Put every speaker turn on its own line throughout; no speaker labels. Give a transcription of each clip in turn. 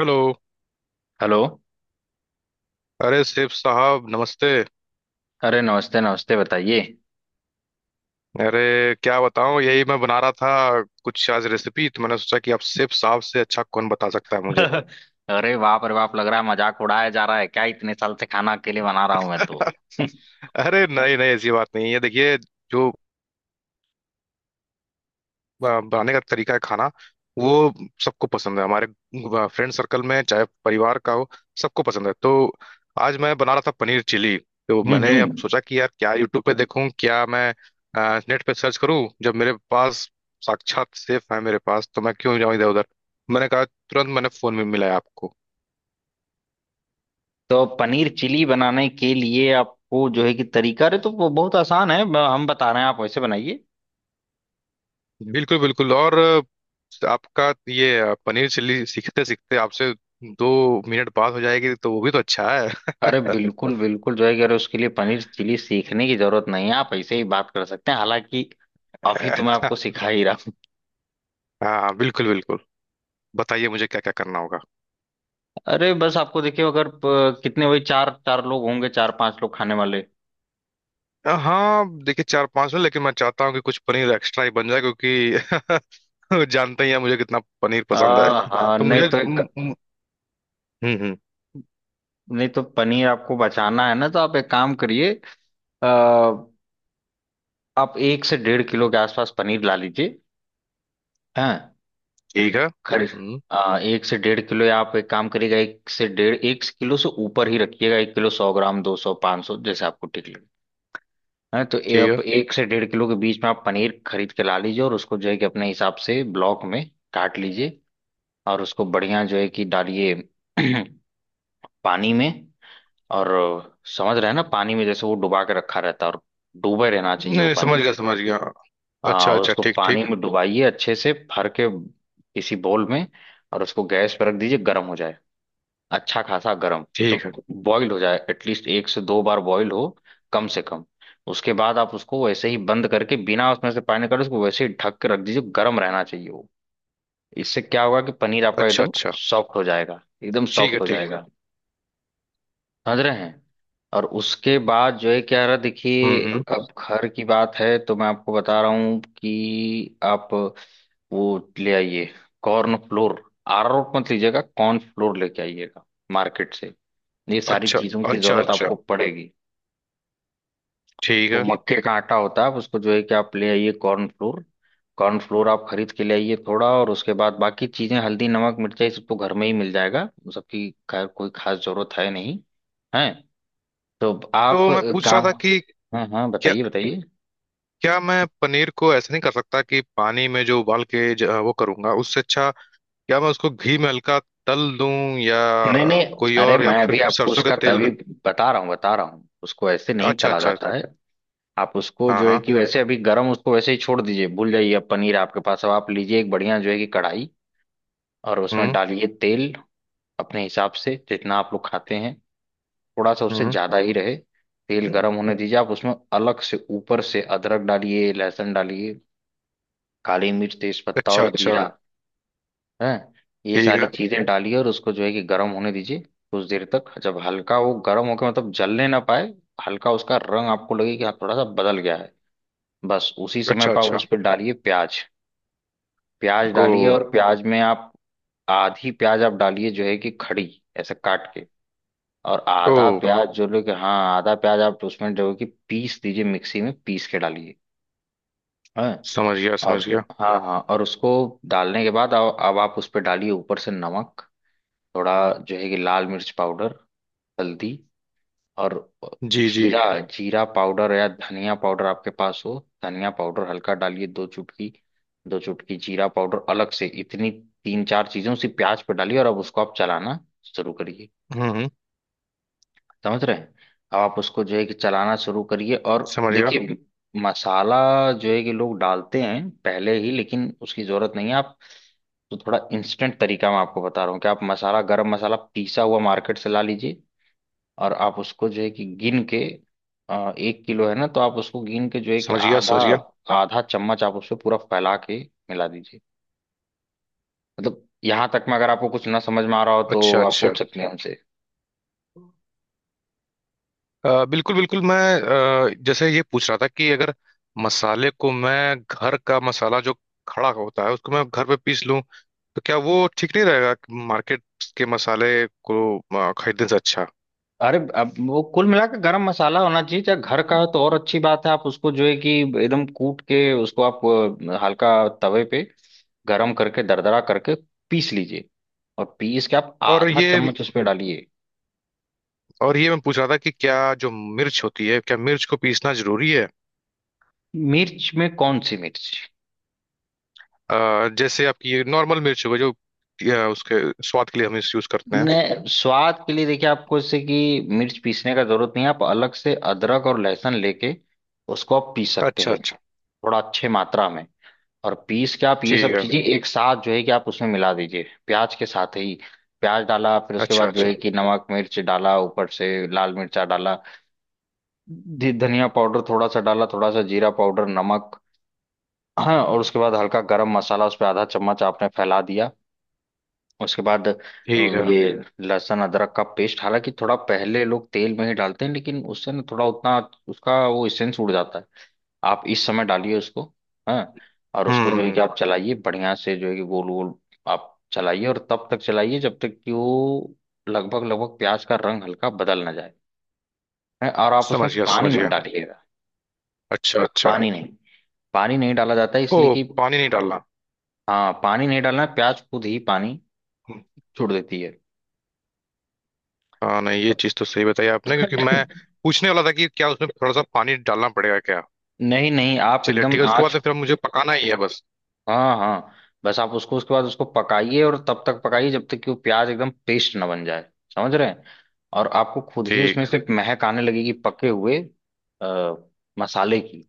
Hello.
Hello.
अरे सेफ साहब, नमस्ते।
अरे नमस्ते नमस्ते, बताइए।
अरे, क्या बताऊं, यही मैं बना रहा था कुछ आज रेसिपी। तो मैंने सोचा कि आप सेफ साहब से अच्छा कौन बता सकता है मुझे।
अरे बाप रे बाप, लग रहा है मजाक उड़ाया जा रहा है क्या, इतने साल से खाना अकेले बना रहा हूं मैं तो।
अरे नहीं नहीं, ऐसी बात नहीं है। देखिए, जो बनाने का तरीका है खाना, वो सबको पसंद है हमारे फ्रेंड सर्कल में, चाहे परिवार का हो। सबको पसंद है। तो आज मैं बना रहा था पनीर चिली। तो मैंने अब
हम्म।
सोचा कि यार, क्या यूट्यूब पे देखूं, क्या मैं नेट पे सर्च करूं, जब मेरे पास साक्षात सेफ है मेरे पास, तो मैं क्यों जाऊं इधर उधर। मैंने कहा, तुरंत मैंने फोन में मिलाया आपको।
तो पनीर चिली बनाने के लिए आपको जो है कि तरीका, अरे तो वो बहुत आसान है, हम बता रहे हैं, आप वैसे बनाइए।
बिल्कुल बिल्कुल। और आपका ये पनीर चिल्ली सीखते सीखते आपसे 2 मिनट बात हो जाएगी, तो वो भी तो अच्छा है।
अरे बिल्कुल बिल्कुल, जो है कि अरे उसके लिए पनीर चिली सीखने की जरूरत नहीं है, आप ऐसे ही बात कर सकते हैं, हालांकि अभी तो मैं आपको सिखा ही रहा हूँ।
हाँ बिल्कुल बिल्कुल। बताइए मुझे क्या क्या करना होगा।
अरे बस आपको देखिए, अगर कितने वही चार चार लोग होंगे, चार पांच लोग खाने वाले।
हाँ, देखिए, चार पांच में, लेकिन मैं चाहता हूँ कि कुछ पनीर एक्स्ट्रा ही बन जाए, क्योंकि जानते ही हैं मुझे कितना पनीर पसंद है।
हाँ हाँ।
तो
नहीं
मुझे।
तो,
हम्म। हम्म।
नहीं तो पनीर आपको बचाना है ना, तो आप एक काम करिए। अ, आप एक से डेढ़ किलो के आसपास पनीर ला लीजिए। हाँ,
ठीक है।
घर।
हम्म।
एक से डेढ़ किलो, या आप एक काम करिएगा, एक से डेढ़, एक किलो से ऊपर ही रखिएगा, एक किलो 100 ग्राम, 200, 500, जैसे आपको ठीक लगे। हाँ तो ये
ठीक
आप
है।
एक से डेढ़ किलो के बीच में आप पनीर खरीद के ला लीजिए, और उसको जो है कि अपने हिसाब से ब्लॉक में काट लीजिए। और उसको बढ़िया जो है कि डालिए पानी में। और समझ रहे हैं ना, पानी में जैसे वो डुबा के रखा रहता है, और डूबे रहना
नहीं
चाहिए वो
नहीं,
पानी
समझ
में।
गया समझ गया।
हाँ,
अच्छा अच्छा,
उसको
ठीक
पानी
ठीक।
में डुबाइए अच्छे से भर के, किसी बोल में। और उसको गैस पर रख दीजिए, गर्म हो जाए, अच्छा खासा गर्म,
ठीक
मतलब
है।
बॉईल हो जाए, एटलीस्ट एक से दो बार बॉईल हो, कम से कम। उसके बाद आप उसको वैसे ही बंद करके, बिना उसमें से पानी निकाले, उसको वैसे ही ढक के रख दीजिए, गर्म रहना चाहिए वो। इससे क्या होगा कि पनीर आपका
अच्छा
एकदम
अच्छा।
सॉफ्ट हो जाएगा, एकदम
ठीक है।
सॉफ्ट हो
ठीक।
जाएगा। समझ रहे हैं। और उसके बाद जो है क्या रहा, देखिए,
हम्म।
अब घर की बात है तो मैं आपको बता रहा हूँ कि आप वो ले आइए कॉर्न फ्लोर, अरारोट मत लीजिएगा, कॉर्न फ्लोर लेके आइएगा मार्केट से। ये सारी
अच्छा
चीजों की
अच्छा।
जरूरत
अच्छा।
आपको पड़ेगी।
ठीक
वो
है।
मक्के का आटा होता है, आप उसको जो है कि आप ले आइए कॉर्न फ्लोर। कॉर्न फ्लोर आप खरीद के ले आइए थोड़ा, और उसके बाद बाकी चीजें हल्दी नमक मिर्चा ये सब तो घर में ही मिल जाएगा, उन सबकी खैर कोई खास जरूरत है नहीं है। तो आप
तो मैं पूछ रहा
काम।
था कि
हाँ हाँ,
क्या
बताइए बताइए।
क्या मैं पनीर को ऐसे नहीं कर सकता कि पानी में जो उबाल के वो करूंगा उससे अच्छा, क्या मैं उसको घी में हल्का तल दूं, या
नहीं नहीं,
कोई
अरे
और, या
मैं
फिर
अभी आपको
सरसों के
उसका
तेल
तभी
में।
बता रहा हूँ, उसको ऐसे नहीं
अच्छा
तला
अच्छा।
जाता है। आप उसको
हाँ
जो है
हाँ।
कि वैसे अभी गरम उसको वैसे ही छोड़ दीजिए, भूल जाइए, अब पनीर आपके पास। अब आप लीजिए एक बढ़िया जो है कि कढ़ाई, और उसमें
हम्म
डालिए तेल, अपने हिसाब से जितना आप लोग खाते हैं, थोड़ा सा उससे
हम्म।
ज्यादा ही रहे। तेल गर्म होने दीजिए, आप उसमें अलग से ऊपर से अदरक डालिए, लहसुन डालिए, काली मिर्च, तेज पत्ता
अच्छा
और
अच्छा।
जीरा, हैं, ये
ठीक
सारी
है।
चीजें डालिए, और उसको जो है कि गर्म होने दीजिए कुछ देर तक, जब हल्का वो गर्म होकर, मतलब जलने ना पाए, हल्का उसका रंग आपको लगे कि हाँ थोड़ा सा बदल गया है, बस उसी समय
अच्छा
पर आप
अच्छा।
उस पर डालिए प्याज। प्याज
ओ।
डालिए, और प्याज में आप आधी प्याज आप डालिए जो है कि खड़ी, ऐसे काट के, और आधा
ओ,
प्याज जो लोग, हाँ आधा प्याज आप उसमें जो है कि पीस दीजिए, मिक्सी में पीस के डालिए। हाँ।
समझ गया
और
समझ गया।
हाँ हाँ, और उसको डालने के बाद, अब आप उस पर डालिए ऊपर से नमक, थोड़ा जो है कि लाल मिर्च पाउडर, हल्दी, और
जी जी।
जीरा, जीरा पाउडर या धनिया पाउडर आपके पास हो, धनिया पाउडर हल्का डालिए दो चुटकी, दो चुटकी जीरा पाउडर अलग से, इतनी तीन चार चीजें उसी प्याज पे डालिए, और अब उसको आप चलाना शुरू करिए।
हम्म।
समझ रहे हैं। अब आप उसको जो है कि चलाना शुरू करिए, और
समझ गया
देखिए, मसाला जो है कि लोग डालते हैं पहले ही, लेकिन उसकी जरूरत नहीं है आप, तो थोड़ा इंस्टेंट तरीका मैं आपको बता रहा हूँ कि आप मसाला गरम मसाला पीसा हुआ मार्केट से ला लीजिए, और आप उसको जो है कि गिन के, एक किलो है ना, तो आप उसको गिन के जो है कि
समझ गया।
आधा,
समझ गया।
आधा चम्मच आप उसको पूरा फैला के मिला दीजिए। मतलब यहाँ तक में अगर आपको कुछ ना समझ में आ रहा हो तो
अच्छा
आप
अच्छा।
पूछ सकते हैं हमसे।
बिल्कुल बिल्कुल, मैं जैसे ये पूछ रहा था कि अगर मसाले को, मैं घर का मसाला जो खड़ा होता है, उसको मैं घर पे पीस लूं, तो क्या वो ठीक नहीं रहेगा, मार्केट के मसाले को खरीदने से अच्छा।
अरे अब वो कुल मिला के गरम मसाला होना चाहिए, चाहे घर का हो तो और अच्छी बात है, आप उसको जो है कि एकदम कूट के उसको आप हल्का तवे पे गरम करके दरदरा करके पीस लीजिए, और पीस के आप
और
आधा
ये
चम्मच उसमें डालिए।
और ये मैं पूछ रहा था कि क्या जो मिर्च होती है, क्या मिर्च को पीसना जरूरी है।
मिर्च में कौन सी मिर्च?
जैसे आपकी ये नॉर्मल मिर्च हो गई, जो उसके स्वाद के लिए हम इस यूज करते हैं।
नहीं, स्वाद के लिए देखिए आपको इससे कि मिर्च पीसने का जरूरत नहीं है, आप अलग से अदरक और लहसुन लेके उसको आप पीस सकते
अच्छा
हैं
अच्छा।
थोड़ा अच्छे मात्रा में, और पीस के आप ये
ठीक
सब
है।
चीजें एक साथ जो है कि आप उसमें मिला दीजिए प्याज के साथ ही। प्याज डाला, फिर उसके
अच्छा
बाद जो
अच्छा।
है कि नमक मिर्च डाला, ऊपर से लाल मिर्चा डाला, धनिया पाउडर थोड़ा सा डाला, थोड़ा सा जीरा पाउडर, नमक, हाँ, और उसके बाद हल्का गरम मसाला उस पर आधा चम्मच आपने फैला दिया। उसके बाद
ठीक है।
ये लहसुन अदरक का पेस्ट, हालांकि थोड़ा पहले लोग तेल में ही डालते हैं, लेकिन उससे ना थोड़ा उतना उसका वो सेंस उड़ जाता है, आप इस समय डालिए उसको। हाँ, और उसको जो है कि
हम्म।
आप चलाइए बढ़िया से जो है कि गोल गोल, आप चलाइए और तब तक चलाइए जब तक कि वो लगभग लगभग प्याज का रंग हल्का बदल ना जाए। हैं, और आप
समझ
उसमें
गया
पानी
समझ
मत
गया।
डालिएगा,
अच्छा अच्छा।
पानी नहीं, पानी नहीं डाला जाता है,
ओ,
इसलिए कि
पानी नहीं डालना।
हाँ पानी नहीं डालना है, प्याज खुद ही पानी छोड़ देती है।
हाँ नहीं, ये
तो
चीज तो सही बताई आपने, क्योंकि मैं पूछने वाला था कि क्या उसमें थोड़ा सा पानी डालना पड़ेगा क्या।
नहीं नहीं, आप
चलिए
एकदम
ठीक है, उसके
आँच।
बाद फिर मुझे पकाना ही है बस।
हाँ हाँ। बस आप उसको उसके बाद उसको पकाइए, और तब तक पकाइए जब तक कि वो प्याज एकदम पेस्ट ना बन जाए। समझ रहे हैं। और आपको खुद ही
ठीक।
उसमें से महक आने लगेगी पके हुए, आ, मसाले की।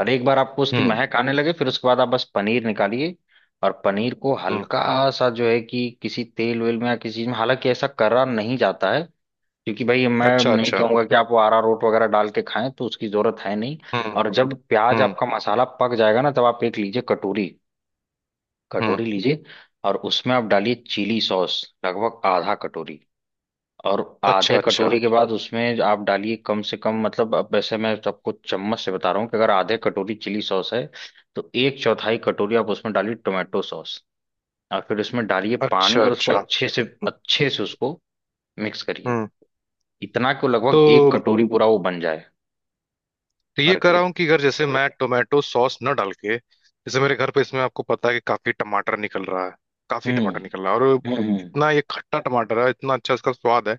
और एक बार आपको उसकी
हम्म
महक आने लगे, फिर उसके बाद आप बस पनीर निकालिए, और पनीर को
हम्म।
हल्का सा जो है कि किसी तेल वेल में या किसी चीज में, हालांकि ऐसा करा नहीं जाता है, क्योंकि भाई मैं
अच्छा
नहीं
अच्छा।
कहूंगा कि आप वो अरारोट वगैरह डाल के खाएं, तो उसकी जरूरत है नहीं।
हम्म
और जब प्याज
हम्म
आपका मसाला पक जाएगा ना, तब आप एक लीजिए कटोरी,
हम्म।
कटोरी लीजिए, और उसमें आप डालिए चिली सॉस लगभग आधा कटोरी। और
अच्छा
आधे
अच्छा।
कटोरी के बाद उसमें आप डालिए कम से कम, मतलब अब वैसे मैं आपको चम्मच से बता रहा हूँ कि अगर आधे कटोरी चिली सॉस है तो एक चौथाई कटोरी आप उसमें डालिए टोमेटो सॉस, और फिर उसमें डालिए पानी,
अच्छा
और उसको
अच्छा।
अच्छे से उसको मिक्स करिए,
हम्म।
इतना कि वो
तो
लगभग एक कटोरी पूरा वो बन जाए
तो ये
भर
कर रहा
के।
हूँ कि अगर जैसे मैं टोमेटो सॉस न डाल के, जैसे मेरे घर पे इसमें, आपको पता है कि काफी टमाटर निकल रहा है। काफी
हम्म
टमाटर निकल रहा है और
हम्म। हम्म।
इतना ये खट्टा टमाटर है, इतना अच्छा इसका स्वाद है।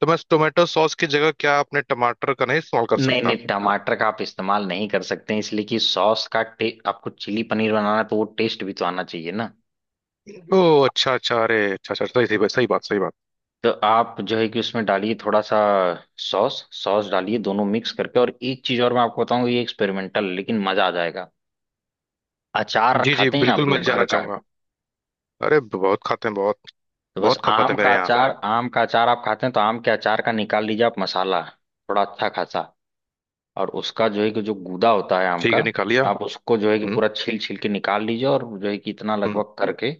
तो मैं टोमेटो सॉस की जगह क्या आपने टमाटर का नहीं इस्तेमाल कर
नहीं
सकता।
नहीं, टमाटर का आप इस्तेमाल नहीं कर सकते हैं, इसलिए कि सॉस का टे, आपको चिली पनीर बनाना है तो वो टेस्ट भी तो आना चाहिए ना।
ओह अच्छा अच्छा। अरे अच्छा अच्छा, सही सही बात, सही बात, सही बात।
तो आप जो है कि उसमें डालिए थोड़ा सा सॉस, सॉस डालिए दोनों मिक्स करके। और एक चीज और मैं आपको बताऊं, ये एक्सपेरिमेंटल लेकिन मजा आ जाएगा। अचार
जी जी
खाते हैं ना
बिल्कुल,
आप
मैं
लोग घर
जाना
का?
चाहूंगा। अरे बहुत खाते हैं बहुत।
तो बस
बहुत खपत
आम
है
का
मेरे यहाँ।
अचार, आम का अचार आप खाते हैं तो आम के अचार का निकाल लीजिए आप मसाला, थोड़ा अच्छा खासा। और उसका जो है कि जो गूदा होता है आम
ठीक
का,
है, निकालिया।
आप उसको जो है कि
हम्म।
पूरा छील छील के निकाल लीजिए और जो है कि इतना
हम्म।
लगभग करके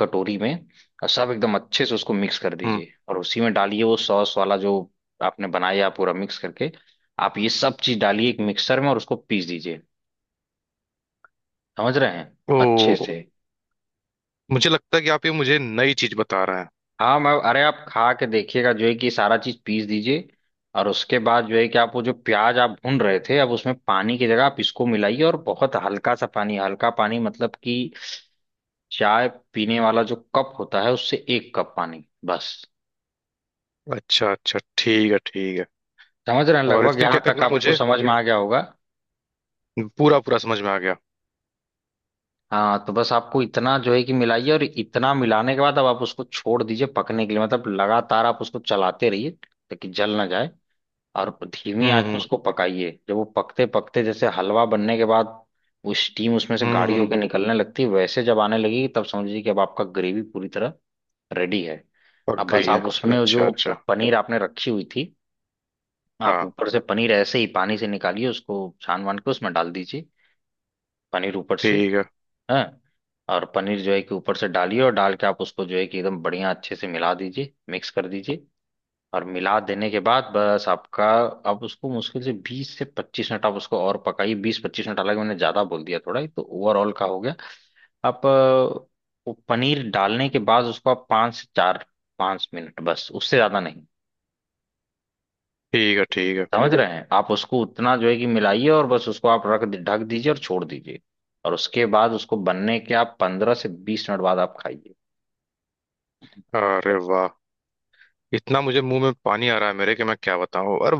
कटोरी में, और सब एकदम अच्छे से उसको मिक्स कर
हम्म।
दीजिए, और उसी में डालिए वो सॉस वाला जो आपने बनाया पूरा मिक्स करके। आप ये सब चीज डालिए एक मिक्सर में और उसको पीस दीजिए। समझ रहे हैं, अच्छे ठीक
ओह,
से।
मुझे लगता है कि आप ये मुझे नई चीज बता रहे हैं।
हाँ मैं, अरे आप खा के देखिएगा, जो है कि सारा चीज पीस दीजिए, और उसके बाद जो है कि आप वो जो प्याज आप भून रहे थे अब उसमें पानी की जगह आप इसको मिलाइए, और बहुत हल्का सा पानी, हल्का पानी मतलब कि चाय पीने वाला जो कप होता है उससे एक कप पानी बस।
अच्छा अच्छा। ठीक है ठीक है।
समझ रहे हैं,
और
लगभग
फिर क्या
यहाँ
करना
तक
है?
आपको
मुझे
समझ में आ गया होगा।
पूरा पूरा समझ में आ गया।
हाँ, तो बस आपको इतना जो है कि मिलाइए, और इतना मिलाने के बाद अब आप उसको छोड़ दीजिए पकने के लिए, मतलब लगातार आप उसको चलाते रहिए ताकि जल ना जाए, और धीमी आंच में
हम्म।
उसको पकाइए। जब वो पकते पकते जैसे हलवा बनने के बाद वो स्टीम उसमें से गाढ़ी
हम्म।
होकर निकलने लगती है, वैसे जब आने लगेगी तब समझिए कि अब आपका ग्रेवी पूरी तरह रेडी है।
पक
अब बस
गई है।
आप उसमें
अच्छा
जो
अच्छा।
पनीर आपने रखी हुई थी, आप
हाँ।
ऊपर से पनीर ऐसे ही पानी से निकालिए उसको छान वान के उसमें डाल दीजिए, पनीर ऊपर से।
ठीक है।
हाँ, और पनीर जो है कि ऊपर से डालिए, और डाल के आप उसको जो है कि एकदम बढ़िया अच्छे से मिला दीजिए, मिक्स कर दीजिए। और मिला देने के बाद बस आपका, आप उसको मुश्किल से 20 से 25 मिनट आप उसको और पकाइए, 20-25 मिनट, हालांकि मैंने ज्यादा बोल दिया, थोड़ा ही तो ओवरऑल का हो गया। आप वो पनीर डालने के बाद उसको आप पाँच से चार पाँच मिनट बस, उससे ज्यादा नहीं।
ठीक है। ठीक है।
समझ रहे हैं, आप उसको उतना जो है कि मिलाइए, और बस उसको आप ढक दीजिए और छोड़ दीजिए। और उसके बाद उसको बनने के आप 15 से 20 मिनट बाद आप खाइए।
अरे वाह! इतना मुझे मुंह में पानी आ रहा है मेरे, कि मैं क्या बताऊं। और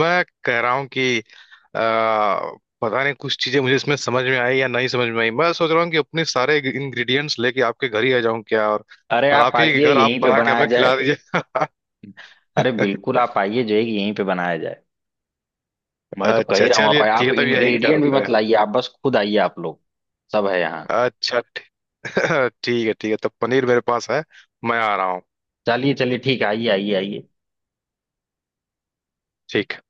मैं कह रहा हूं कि आ, पता नहीं, कुछ चीजें मुझे इसमें समझ में आई या नहीं समझ में आई। मैं सोच रहा हूँ कि अपने सारे इंग्रेडिएंट्स लेके आपके घर ही आ जाऊं क्या, और
अरे आप
आप ही के
आइए,
घर आप
यहीं पे
बना के
बनाया
हमें
जाए।
खिला दीजिए।
अरे बिल्कुल आप आइए, जो है कि यहीं पे बनाया जाए। मैं तो कह
अच्छा
ही रहा हूँ, आप
चलिए
आइए।
ठीक
आप
है, तब यही कर।
इंग्रेडिएंट भी मत लाइए, आप बस खुद आइए आप लोग, सब है यहाँ।
अच्छा ठीक है ठीक है, तब पनीर मेरे पास है। मैं आ रहा हूँ।
चलिए चलिए ठीक है, आइए आइए आइए।
ठीक है।